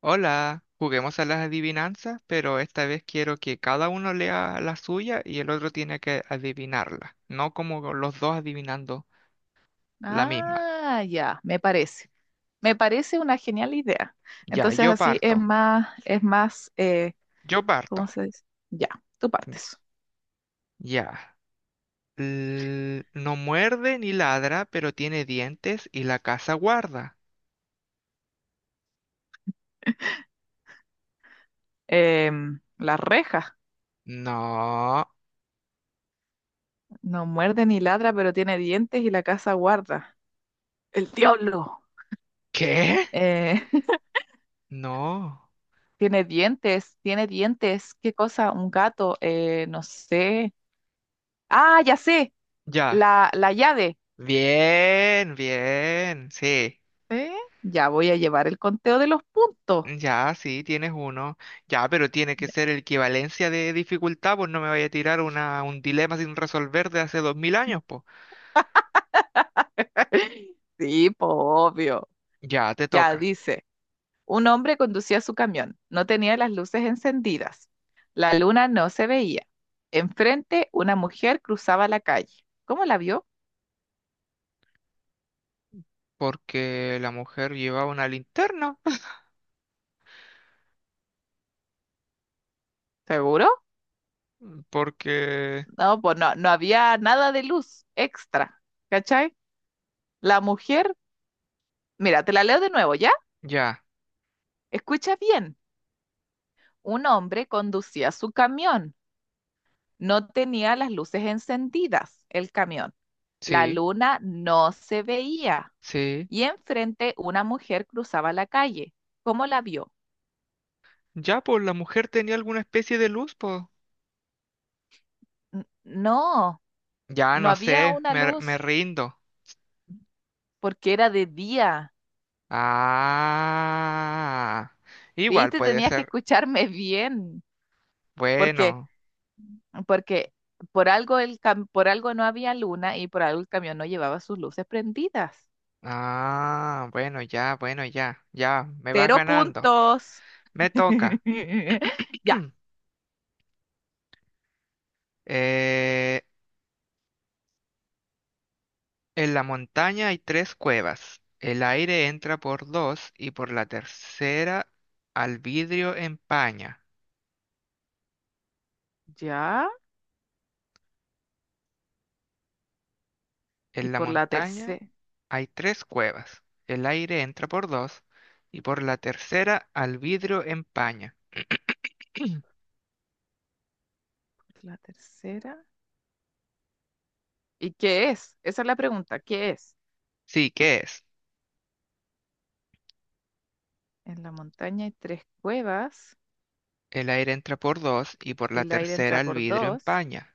Hola, juguemos a las adivinanzas, pero esta vez quiero que cada uno lea la suya y el otro tiene que adivinarla, no como los dos adivinando la misma. Ah, ya, me parece. Me parece una genial idea. Ya, Entonces yo así es parto, más, es más, eh, yo ¿cómo parto. se dice? Ya, tú partes. Ya. L- no muerde ni ladra, pero tiene dientes y la casa guarda. La reja No. no muerde ni ladra, pero tiene dientes y la casa guarda. El diablo. ¿Qué? Eh, No. Tiene dientes, tiene dientes. ¿Qué cosa? Un gato, no sé. Ah, ya sé, Ya. la llave. Bien, bien. Sí. ¿Eh? Ya voy a llevar el conteo de los puntos. Ya, sí, tienes uno. Ya, pero tiene que ser equivalencia de dificultad, pues no me vaya a tirar un dilema sin resolver de hace 2000 años, pues. Sí, po, obvio. Ya, te Ya toca. dice. Un hombre conducía su camión. No tenía las luces encendidas. La luna no se veía. Enfrente, una mujer cruzaba la calle. ¿Cómo la vio? Porque la mujer llevaba una linterna. ¿Seguro? Porque... No, pues no, no había nada de luz extra. ¿Cachai? La mujer, mira, te la leo de nuevo, ¿ya? Ya, Escucha bien. Un hombre conducía su camión. No tenía las luces encendidas, el camión. La sí, luna no se veía. sí. Y enfrente, una mujer cruzaba la calle. ¿Cómo la vio? Ya, pues la mujer tenía alguna especie de luz, pues. No, Ya, no no había sé, una me luz rindo. porque era de día. Ah, igual ¿Viste? puede Tenías que ser. escucharme bien porque, Bueno. porque por algo no había luna y por algo el camión no llevaba sus luces prendidas. Ah, bueno, ya, bueno, ya, ya, me vas Cero ganando. puntos. Me toca. Ya, Eh, en la montaña hay tres cuevas. El aire entra por dos y por la tercera al vidrio empaña. ya. Y En la por la montaña tercera, hay tres cuevas. El aire entra por dos y por la tercera al vidrio empaña. la tercera. ¿Y qué es? Esa es la pregunta. ¿Qué es? Sí, ¿qué es? En la montaña hay tres cuevas. El aire entra por dos y por la El aire tercera entra al por vidrio dos. empaña.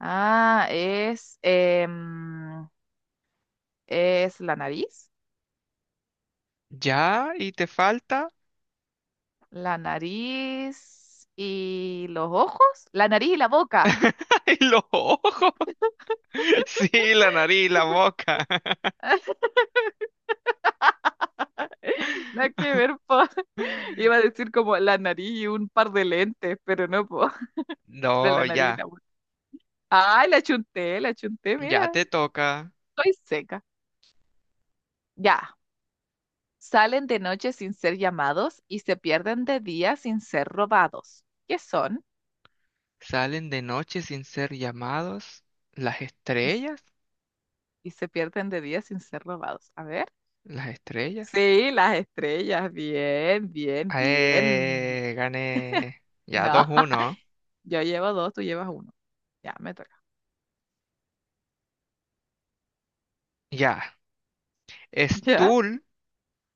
Ah, es ¿Ya? ¿Y te falta? la nariz y los ojos, la nariz y la boca. Y los ojos. Sí, la nariz, la boca. Nada que ver, po. Iba a decir como la nariz y un par de lentes, pero no, po. No, ya. Ay, la chunté, Ya mira, te toca. estoy seca. Ya, salen de noche sin ser llamados y se pierden de día sin ser robados. ¿Qué son? Salen de noche sin ser llamados. Las estrellas. Y se pierden de día sin ser robados. A ver. Las estrellas. Sí, las estrellas, bien, bien, bien. Gané. Ya dos No, uno. yo llevo dos, tú llevas uno. Ya, me toca. Ya. Es Ya, tul.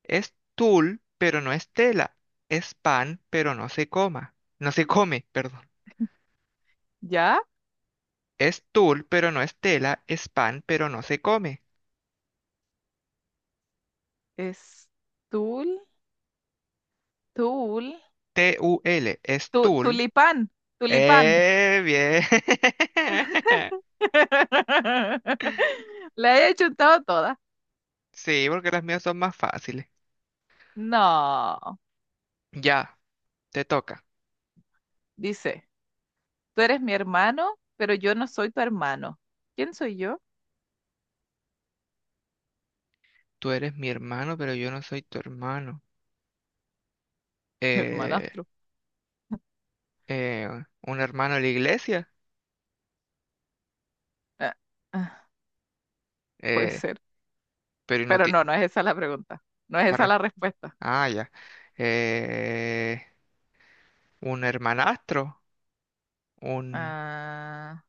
Es tul, pero no es tela. Es pan, pero no se coma. No se come, perdón. ya, Es tul, pero no es tela. Es pan, pero no se come. es tul, tul, T-U-L, es Tul. tulipán, tulipán. ¡Eh, bien! La he chuntado toda. Sí, porque las mías son más fáciles. No, Ya, te toca. dice, tú eres mi hermano, pero yo no soy tu hermano. ¿Quién soy yo? Tú eres mi hermano, pero yo no soy tu hermano. Hermano. Eh, eh, un hermano de la iglesia. Ah, ah, puede Eh, ser, pero no pero ti- no es esa la pregunta. No es la esa res- la respuesta. Ah, ya. Eh, un hermanastro. Un, Ah,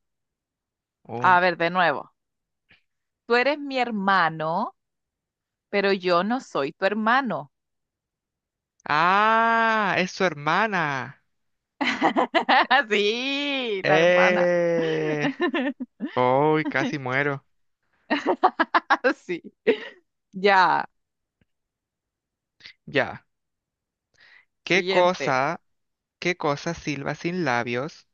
a un. ver, de nuevo. Tú eres mi hermano, pero yo no soy tu hermano. Ah, es su hermana. Sí, la hermana. Eh. Uy, casi muero. Así. Ya. Ya. ¿Qué Siguiente. cosa? ¿Qué cosa silba sin labios,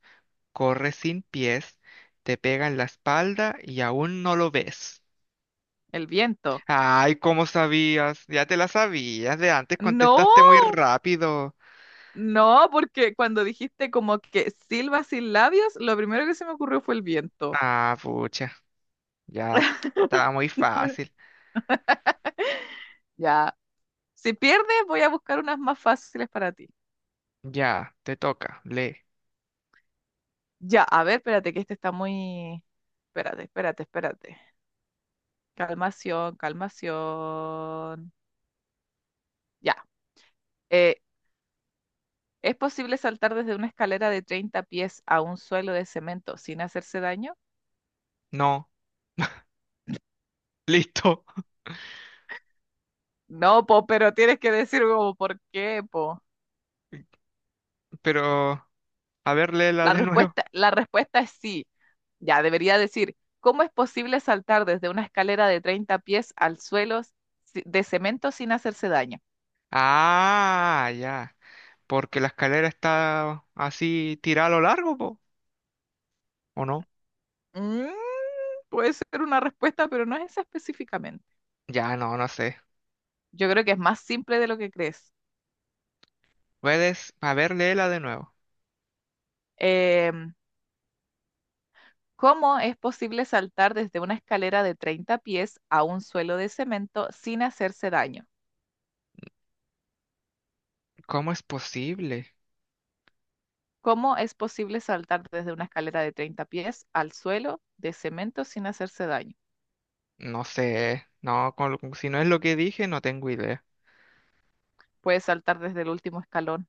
corre sin pies, te pega en la espalda y aún no lo ves? El viento. Ay, ¿cómo sabías? Ya te la sabías, de antes No. contestaste muy rápido. No, porque cuando dijiste como que silba sin labios, lo primero que se me ocurrió fue el viento. Ah, pucha, ya, estaba muy fácil. Ya. Si pierdes, voy a buscar unas más fáciles para ti. Ya, te toca, lee. Ya, a ver, espérate, que este está muy... Espérate, espérate, espérate. Calmación, calmación. Ya. Eh, ¿Es posible saltar desde una escalera de 30 pies a un suelo de cemento sin hacerse daño? No, listo, No, po, pero tienes que decir como por qué, po. pero a ver, léela La de nuevo. respuesta, la respuesta es sí. Ya, debería decir, ¿cómo es posible saltar desde una escalera de 30 pies al suelo de cemento sin hacerse daño? Ah, ya, porque la escalera está así tirada a lo largo, po, ¿o no? Mm, puede ser una respuesta, pero no es esa específicamente. Ya, no, no sé. Yo creo que es más simple de lo que crees. Puedes, a ver, léela de nuevo. Em, ¿Cómo es posible saltar desde una escalera de 30 pies a un suelo de cemento sin hacerse daño? ¿Cómo es posible? ¿Cómo es posible saltar desde una escalera de 30 pies al suelo de cemento sin hacerse daño? No sé. No, con si no es lo que dije, no tengo idea. Puedes saltar desde el último escalón.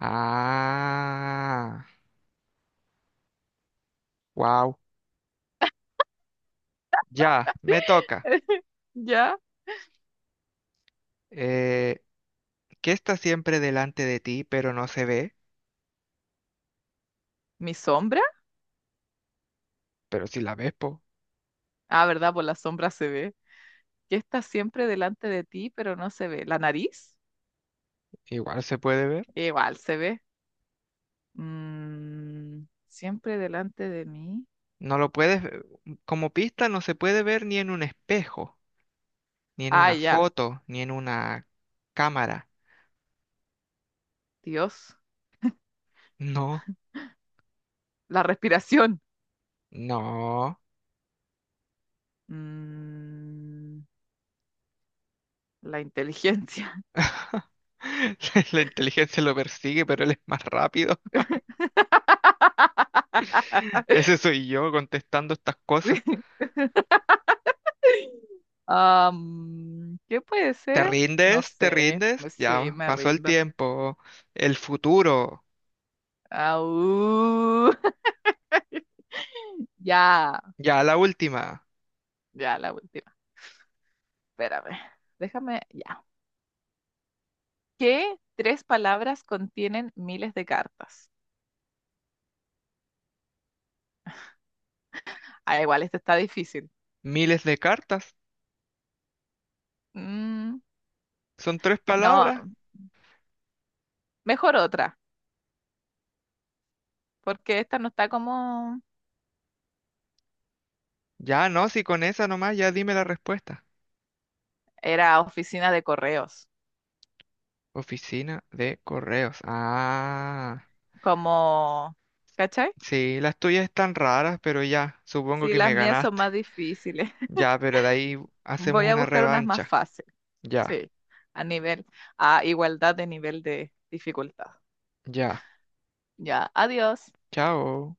Ah, wow. Ya, me toca. ¿Ya? Eh, ¿Qué está siempre delante de ti, pero no se ve? ¿Mi sombra? Pero si la ves, po, Ah, ¿verdad? Por la sombra se ve. Que está siempre delante de ti, pero no se ve. ¿La nariz? igual se puede ver. Igual se ve. Siempre delante de mí. No lo puedes, ve- como pista, no se puede ver ni en un espejo, ni en Ah, una ya. foto, ni en una cámara. Dios. No, La respiración. no. Mm, la inteligencia. La inteligencia lo persigue, pero él es más rápido. Ese soy yo contestando estas Sí. cosas. ¿Qué puede ¿Te ser? rindes? Sí, ¿Te rindes? Ya me pasó el rindo. tiempo, el futuro, Au. Ya, ya la última. ya, la última. Espérame. Déjame. Ya. ¿Qué tres palabras contienen miles de cartas? Ah, igual, esta está difícil. Miles de cartas, Mm, son tres no, palabras. mejor otra, porque esta no está como... Ya no, si con esa nomás, ya dime la respuesta. Era oficina de correos, Oficina de correos. Ah, como... ¿Cachai? sí, las tuyas están raras, pero ya, supongo Sí, que las me mías son ganaste. más difíciles. Ya, pero de ahí hacemos Voy a una buscar unas más revancha. fáciles, Ya, a nivel, a igualdad de nivel de dificultad. ya. Ya, adiós. Chao.